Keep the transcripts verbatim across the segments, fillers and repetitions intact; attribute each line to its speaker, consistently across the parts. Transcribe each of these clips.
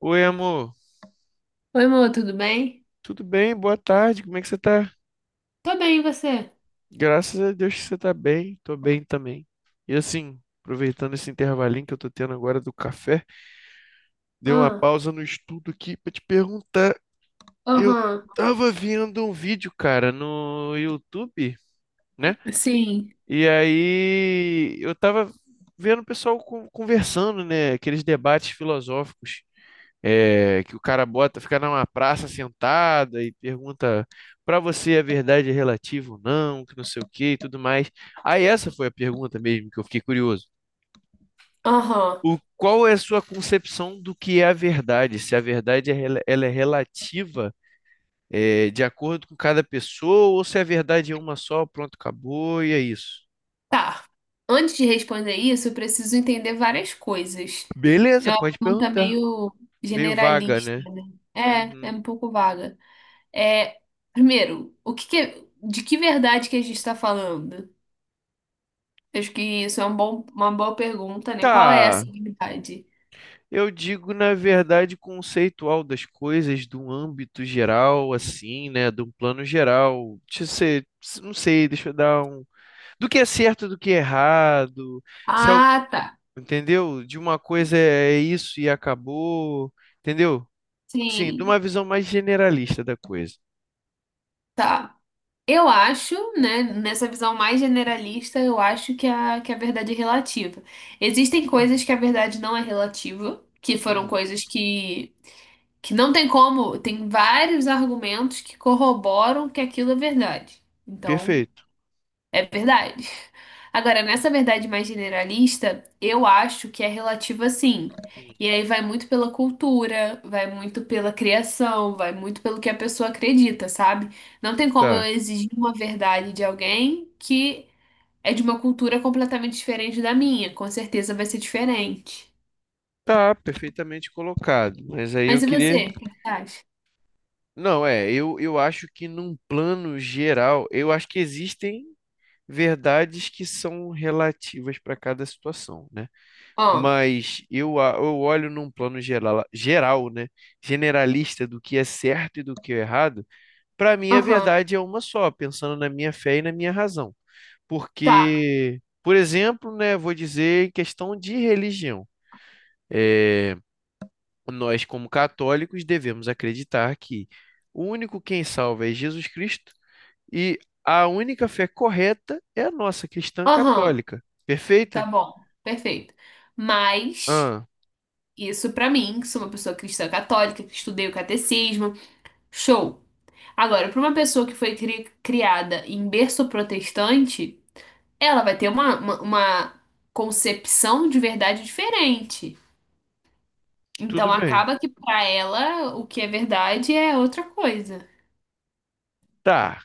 Speaker 1: Oi, amor.
Speaker 2: Oi, amor, tudo bem?
Speaker 1: Tudo bem? Boa tarde. Como é que você tá?
Speaker 2: Tô bem, e você?
Speaker 1: Graças a Deus que você tá bem. Tô bem também. E assim, aproveitando esse intervalinho que eu tô tendo agora do café, dei uma
Speaker 2: Ah,
Speaker 1: pausa no estudo aqui pra te perguntar. Eu
Speaker 2: aham,
Speaker 1: tava vendo um vídeo, cara, no YouTube, né?
Speaker 2: sim,
Speaker 1: E aí eu tava vendo o pessoal con- conversando, né? Aqueles debates filosóficos. É, que o cara bota, fica numa praça sentada e pergunta para você a verdade é relativa ou não, que não sei o que e tudo mais. Aí essa foi a pergunta mesmo que eu fiquei curioso.
Speaker 2: aham.
Speaker 1: O, qual é a sua concepção do que é a verdade? Se a verdade é, rela- ela é relativa, é, de acordo com cada pessoa, ou se a verdade é uma só, pronto, acabou e é isso.
Speaker 2: Tá. Antes de responder isso, eu preciso entender várias coisas.
Speaker 1: Beleza,
Speaker 2: É uma
Speaker 1: pode
Speaker 2: pergunta
Speaker 1: perguntar.
Speaker 2: meio
Speaker 1: Meio vaga,
Speaker 2: generalista,
Speaker 1: né?
Speaker 2: né? É, é
Speaker 1: Uhum.
Speaker 2: um pouco vaga. É, primeiro, o que que é- de que verdade que a gente está falando? Acho que isso é um bom, uma boa pergunta, né? Qual é
Speaker 1: Tá.
Speaker 2: essa verdade?
Speaker 1: Eu digo, na verdade, conceitual das coisas, de um âmbito geral, assim, né? De um plano geral. Deixa eu ser, não sei, deixa eu dar um. Do que é certo, do que é errado. Se al-
Speaker 2: Ah, tá.
Speaker 1: entendeu? De uma coisa é é isso e acabou. Entendeu? Sim, de
Speaker 2: Sim,
Speaker 1: uma visão mais generalista da coisa.
Speaker 2: tá. Eu acho, né, nessa visão mais generalista, eu acho que a, que a verdade é relativa. Existem
Speaker 1: Hum.
Speaker 2: coisas que a verdade não é relativa, que foram
Speaker 1: Uhum.
Speaker 2: coisas que, que não tem como, tem vários argumentos que corroboram que aquilo é verdade. Então,
Speaker 1: Perfeito.
Speaker 2: é verdade. Agora, nessa verdade mais generalista, eu acho que é relativa sim. E aí vai muito pela cultura, vai muito pela criação, vai muito pelo que a pessoa acredita, sabe? Não tem como eu
Speaker 1: Tá.
Speaker 2: exigir uma verdade de alguém que é de uma cultura completamente diferente da minha. Com certeza vai ser diferente.
Speaker 1: Tá, perfeitamente colocado. Mas aí
Speaker 2: Mas
Speaker 1: eu
Speaker 2: e
Speaker 1: queria.
Speaker 2: você? O que você acha?
Speaker 1: Não, é, eu, eu acho que num plano geral, eu acho que existem. Verdades que são relativas para cada situação, né?
Speaker 2: Ah,
Speaker 1: Mas eu, a- eu olho num plano geral, geral, né? Generalista do que é certo e do que é errado. Para mim, a
Speaker 2: aham,
Speaker 1: verdade é uma só, pensando na minha fé e na minha razão.
Speaker 2: tá.
Speaker 1: Porque, por exemplo, né, vou dizer em questão de religião. É, nós, como católicos, devemos acreditar que o único quem salva é Jesus Cristo e a única fé correta é a nossa cristã
Speaker 2: Aham,
Speaker 1: católica.
Speaker 2: tá
Speaker 1: Perfeito?
Speaker 2: bom. Perfeito. Mas.
Speaker 1: Ah,
Speaker 2: Isso pra mim, que sou uma pessoa cristã católica, que estudei o catecismo, show. Agora, pra uma pessoa que foi cri- criada em berço protestante, ela vai ter uma, uma, uma concepção de verdade diferente.
Speaker 1: tudo
Speaker 2: Então
Speaker 1: bem.
Speaker 2: acaba que pra ela o que é verdade é outra coisa.
Speaker 1: Tá.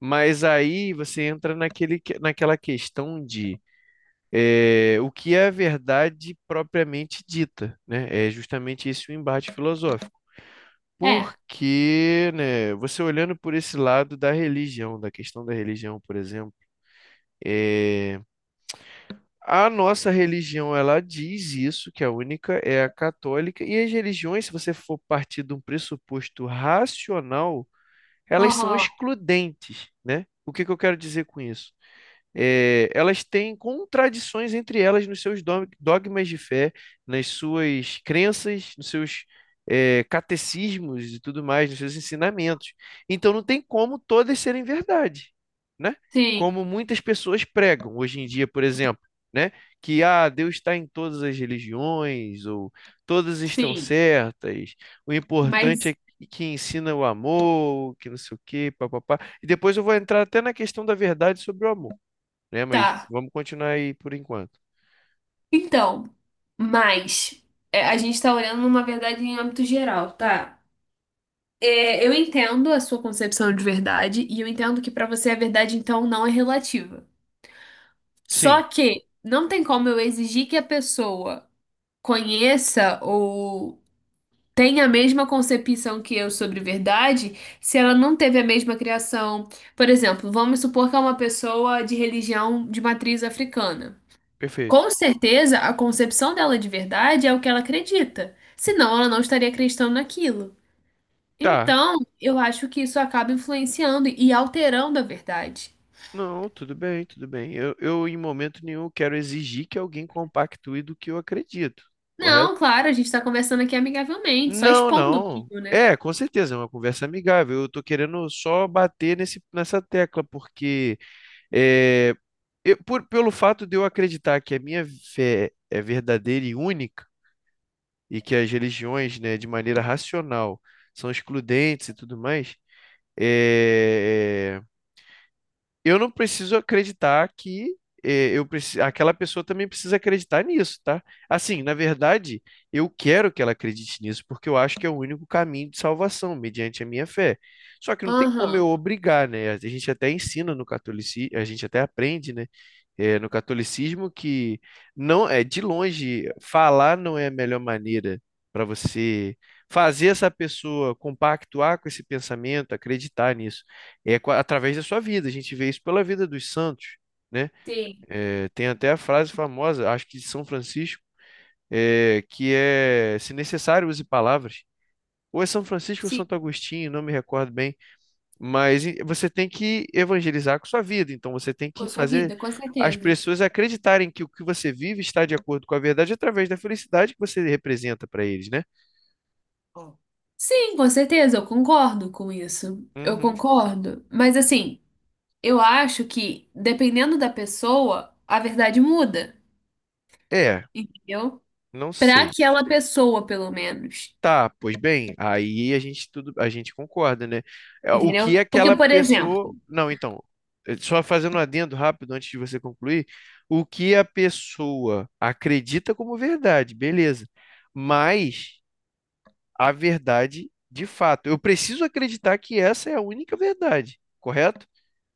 Speaker 1: Mas aí você entra naquele, que- naquela questão de eh, o que é a verdade propriamente dita, né? É justamente esse o embate filosófico.
Speaker 2: É,
Speaker 1: Porque, né, você olhando por esse lado da religião, da questão da religião, por exemplo, eh, a nossa religião, ela diz isso, que a única é a católica, e as religiões, se você for partir de um pressuposto racional, elas são
Speaker 2: aham,
Speaker 1: excludentes, né? O que que eu quero dizer com isso? É, elas têm contradições entre elas nos seus dog- dogmas de fé, nas suas crenças, nos seus é, catecismos e tudo mais, nos seus ensinamentos. Então não tem como todas serem verdade, né?
Speaker 2: sim,
Speaker 1: Como muitas pessoas pregam hoje em dia, por exemplo, né? Que ah, Deus está em todas as religiões, ou todas estão
Speaker 2: sim,
Speaker 1: certas, o importante
Speaker 2: mas
Speaker 1: é que ensina o amor, que não sei o quê, papapá. E depois eu vou entrar até na questão da verdade sobre o amor né? Mas
Speaker 2: tá.
Speaker 1: vamos continuar aí por enquanto.
Speaker 2: Então, mas é, a gente tá olhando numa verdade em âmbito geral, tá? É, eu entendo a sua concepção de verdade e eu entendo que pra você a verdade então não é relativa.
Speaker 1: Sim,
Speaker 2: Só que não tem como eu exigir que a pessoa conheça ou tenha a mesma concepção que eu sobre verdade se ela não teve a mesma criação. Por exemplo, vamos supor que é uma pessoa de religião de matriz africana.
Speaker 1: perfeito.
Speaker 2: Com certeza, a concepção dela de verdade é o que ela acredita, senão ela não estaria acreditando naquilo.
Speaker 1: Tá.
Speaker 2: Então, eu acho que isso acaba influenciando e alterando a verdade.
Speaker 1: Não, tudo bem, tudo bem. Eu, eu em momento nenhum quero exigir que alguém compactue do que eu acredito,
Speaker 2: Não,
Speaker 1: correto?
Speaker 2: claro, a gente tá conversando aqui amigavelmente, só
Speaker 1: Não,
Speaker 2: expondo
Speaker 1: não.
Speaker 2: mesmo, né?
Speaker 1: É, com certeza, é uma conversa amigável. Eu tô querendo só bater nesse, nessa tecla, porque é, eu- por- pelo fato de eu acreditar que a minha fé é verdadeira e única, e que as religiões, né, de maneira racional, são excludentes e tudo mais, é, eu não preciso acreditar que eh, eu preci... aquela pessoa também precisa acreditar nisso, tá? Assim, na verdade, eu quero que ela acredite nisso, porque eu acho que é o único caminho de salvação, mediante a minha fé. Só que não tem como eu
Speaker 2: Aham.
Speaker 1: obrigar, né? A gente até ensina no catolicismo, a gente até aprende, né? Eh, no catolicismo que não é de longe falar não é a melhor maneira para você fazer essa pessoa compactuar com esse pensamento, acreditar nisso é co- através da sua vida. A gente vê isso pela vida dos santos, né?
Speaker 2: Sim,
Speaker 1: É, tem até a frase famosa, acho que de São Francisco, é, que é: se necessário, use palavras. Ou é São Francisco ou
Speaker 2: sim,
Speaker 1: Santo Agostinho, não me recordo bem, mas e- você tem que evangelizar com sua vida, então você tem
Speaker 2: com
Speaker 1: que
Speaker 2: a sua
Speaker 1: fazer
Speaker 2: vida, com
Speaker 1: as
Speaker 2: certeza.
Speaker 1: pessoas acreditarem que o que você vive está de acordo com a verdade através da felicidade que você representa para eles, né?
Speaker 2: Ó, sim, com certeza, eu concordo com isso. Eu
Speaker 1: Uhum.
Speaker 2: concordo. Mas assim, eu acho que, dependendo da pessoa, a verdade muda,
Speaker 1: É,
Speaker 2: entendeu?
Speaker 1: não
Speaker 2: Pra
Speaker 1: sei.
Speaker 2: aquela pessoa, pelo menos.
Speaker 1: Tá, pois bem, aí a gente tudo, a gente concorda, né? É, o
Speaker 2: Entendeu?
Speaker 1: que
Speaker 2: Porque,
Speaker 1: aquela
Speaker 2: por exemplo,
Speaker 1: pessoa, não, então, eh, só fazendo um adendo rápido antes de você concluir, o que a pessoa acredita como verdade, beleza? Mas a verdade de fato, eu preciso acreditar que essa é a única verdade, correto?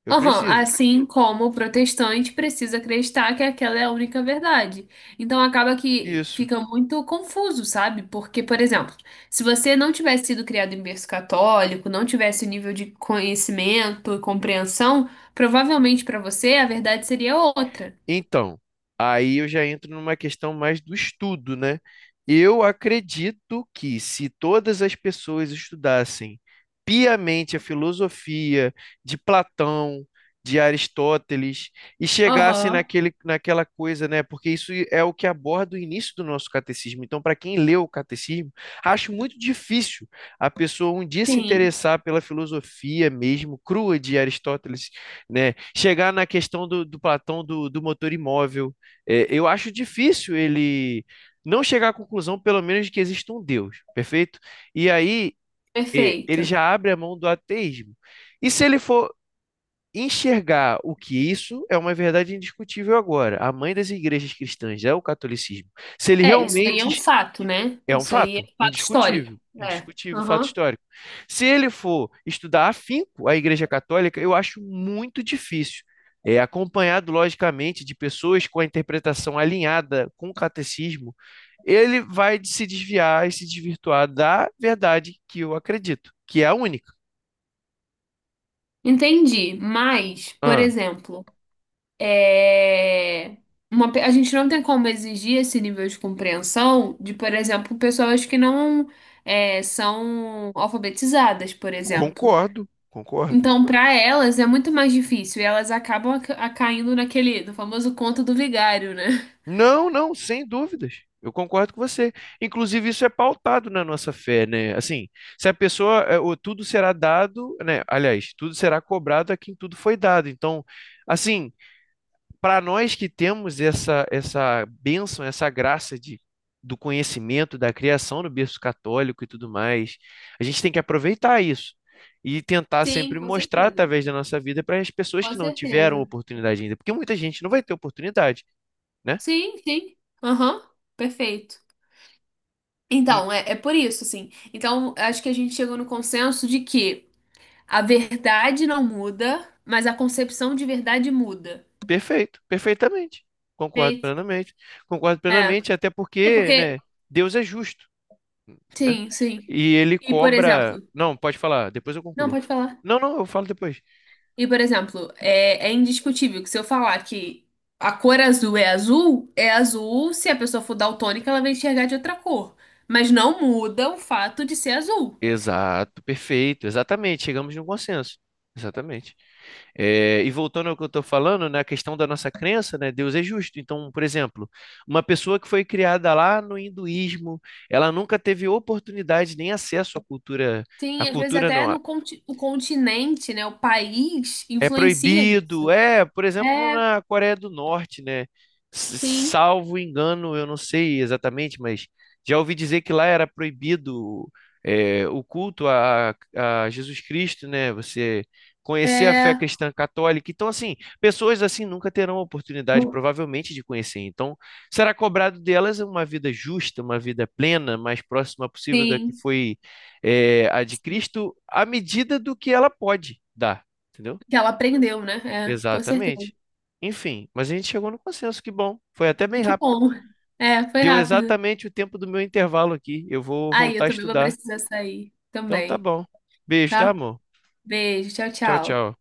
Speaker 1: Eu
Speaker 2: aham,
Speaker 1: preciso.
Speaker 2: assim como o protestante precisa acreditar que aquela é a única verdade. Então acaba que
Speaker 1: Isso.
Speaker 2: fica muito confuso, sabe? Porque, por exemplo, se você não tivesse sido criado em berço católico, não tivesse o nível de conhecimento e compreensão, provavelmente para você a verdade seria outra.
Speaker 1: Então, aí eu já entro numa questão mais do estudo, né? Eu acredito que se todas as pessoas estudassem piamente a filosofia de Platão, de Aristóteles e chegassem
Speaker 2: Aham.
Speaker 1: naquele, naquela coisa, né? Porque isso é o que aborda o início do nosso catecismo. Então, para quem leu o catecismo, acho muito difícil a pessoa um dia se
Speaker 2: Sim,
Speaker 1: interessar pela filosofia mesmo crua de Aristóteles né? Chegar na questão do, do Platão do, do motor imóvel. É, eu acho difícil ele não chegar à conclusão, pelo menos, de que existe um Deus, perfeito? E aí é, ele
Speaker 2: perfeito.
Speaker 1: já abre a mão do ateísmo. E se ele for enxergar o que isso é uma verdade indiscutível agora, a mãe das igrejas cristãs é o catolicismo. Se ele
Speaker 2: É, isso aí é um
Speaker 1: realmente
Speaker 2: fato, né?
Speaker 1: é um
Speaker 2: Isso aí é
Speaker 1: fato,
Speaker 2: fato histórico.
Speaker 1: indiscutível,
Speaker 2: É.
Speaker 1: indiscutível, fato
Speaker 2: Aham.
Speaker 1: histórico. Se ele for estudar afinco a Igreja Católica, eu acho muito difícil. É acompanhado, logicamente, de pessoas com a interpretação alinhada com o catecismo, ele vai se desviar e se desvirtuar da verdade que eu acredito, que é a única.
Speaker 2: Entendi. Mas, por
Speaker 1: Ah,
Speaker 2: exemplo. É, uma, pe- a gente não tem como exigir esse nível de compreensão de, por exemplo, pessoas que não é, são alfabetizadas, por exemplo.
Speaker 1: concordo, concordo.
Speaker 2: Então, para elas é muito mais difícil e elas acabam aca- a- caindo naquele, no famoso conto do vigário, né?
Speaker 1: Não, não, sem dúvidas. Eu concordo com você. Inclusive, isso é pautado na nossa fé, né? Assim, se a pessoa, é, o tudo será dado, né? Aliás, tudo será cobrado a quem tudo foi dado. Então, assim, para nós que temos essa essa bênção, essa graça de do conhecimento, da criação no berço católico e tudo mais, a gente tem que aproveitar isso e tentar
Speaker 2: Sim,
Speaker 1: sempre
Speaker 2: com
Speaker 1: mostrar
Speaker 2: certeza.
Speaker 1: através da nossa vida para as pessoas
Speaker 2: Com
Speaker 1: que não tiveram
Speaker 2: certeza.
Speaker 1: oportunidade ainda, porque muita gente não vai ter oportunidade, né?
Speaker 2: Sim, sim. Aham, perfeito. Então, é, é por isso, assim. Então, acho que a gente chegou no consenso de que a verdade não muda, mas a concepção de verdade muda.
Speaker 1: Perfeito, perfeitamente. Concordo
Speaker 2: Perfeito?
Speaker 1: plenamente. Concordo
Speaker 2: É.
Speaker 1: plenamente, até
Speaker 2: É
Speaker 1: porque,
Speaker 2: porque.
Speaker 1: né, Deus é justo, né?
Speaker 2: Sim, sim.
Speaker 1: E ele
Speaker 2: E, por
Speaker 1: cobra.
Speaker 2: exemplo.
Speaker 1: Não, pode falar, depois eu
Speaker 2: Não,
Speaker 1: concluo.
Speaker 2: pode falar.
Speaker 1: Não, não, eu falo depois.
Speaker 2: E, por exemplo, é, é indiscutível que se eu falar que a cor azul é azul, é azul. Se a pessoa for daltônica, ela vai enxergar de outra cor. Mas não muda o fato de ser azul.
Speaker 1: Exato, perfeito, exatamente. Chegamos num consenso. Exatamente. É, e voltando ao que eu estou falando, na questão da nossa crença, né, Deus é justo. Então, por exemplo, uma pessoa que foi criada lá no hinduísmo, ela nunca teve oportunidade nem acesso à cultura, à
Speaker 2: Sim, às vezes
Speaker 1: cultura
Speaker 2: até
Speaker 1: não,
Speaker 2: no conti o continente, né? O país
Speaker 1: é
Speaker 2: influencia
Speaker 1: proibido,
Speaker 2: isso.
Speaker 1: é, por exemplo,
Speaker 2: É,
Speaker 1: na Coreia do Norte, né? S-
Speaker 2: sim.
Speaker 1: Salvo engano, eu não sei exatamente, mas já ouvi dizer que lá era proibido é, o culto a, a Jesus Cristo, né? Você conhecer a fé
Speaker 2: É,
Speaker 1: cristã católica. Então, assim, pessoas assim nunca terão a oportunidade, provavelmente, de conhecer. Então, será cobrado delas uma vida justa, uma vida plena, mais próxima possível da que
Speaker 2: sim.
Speaker 1: foi é, a de Cristo, à medida do que ela pode dar, entendeu?
Speaker 2: Que ela aprendeu, né? É, com certeza.
Speaker 1: Exatamente. Enfim, mas a gente chegou no consenso, que bom. Foi até bem
Speaker 2: Que
Speaker 1: rápido.
Speaker 2: bom. É, foi
Speaker 1: Deu
Speaker 2: rápido.
Speaker 1: exatamente o tempo do meu intervalo aqui. Eu vou
Speaker 2: Aí,
Speaker 1: voltar
Speaker 2: eu
Speaker 1: a
Speaker 2: também vou
Speaker 1: estudar.
Speaker 2: precisar sair
Speaker 1: Então tá
Speaker 2: também,
Speaker 1: bom. Beijo, tá,
Speaker 2: tá?
Speaker 1: amor?
Speaker 2: Beijo, tchau,
Speaker 1: Tchau,
Speaker 2: tchau.
Speaker 1: tchau.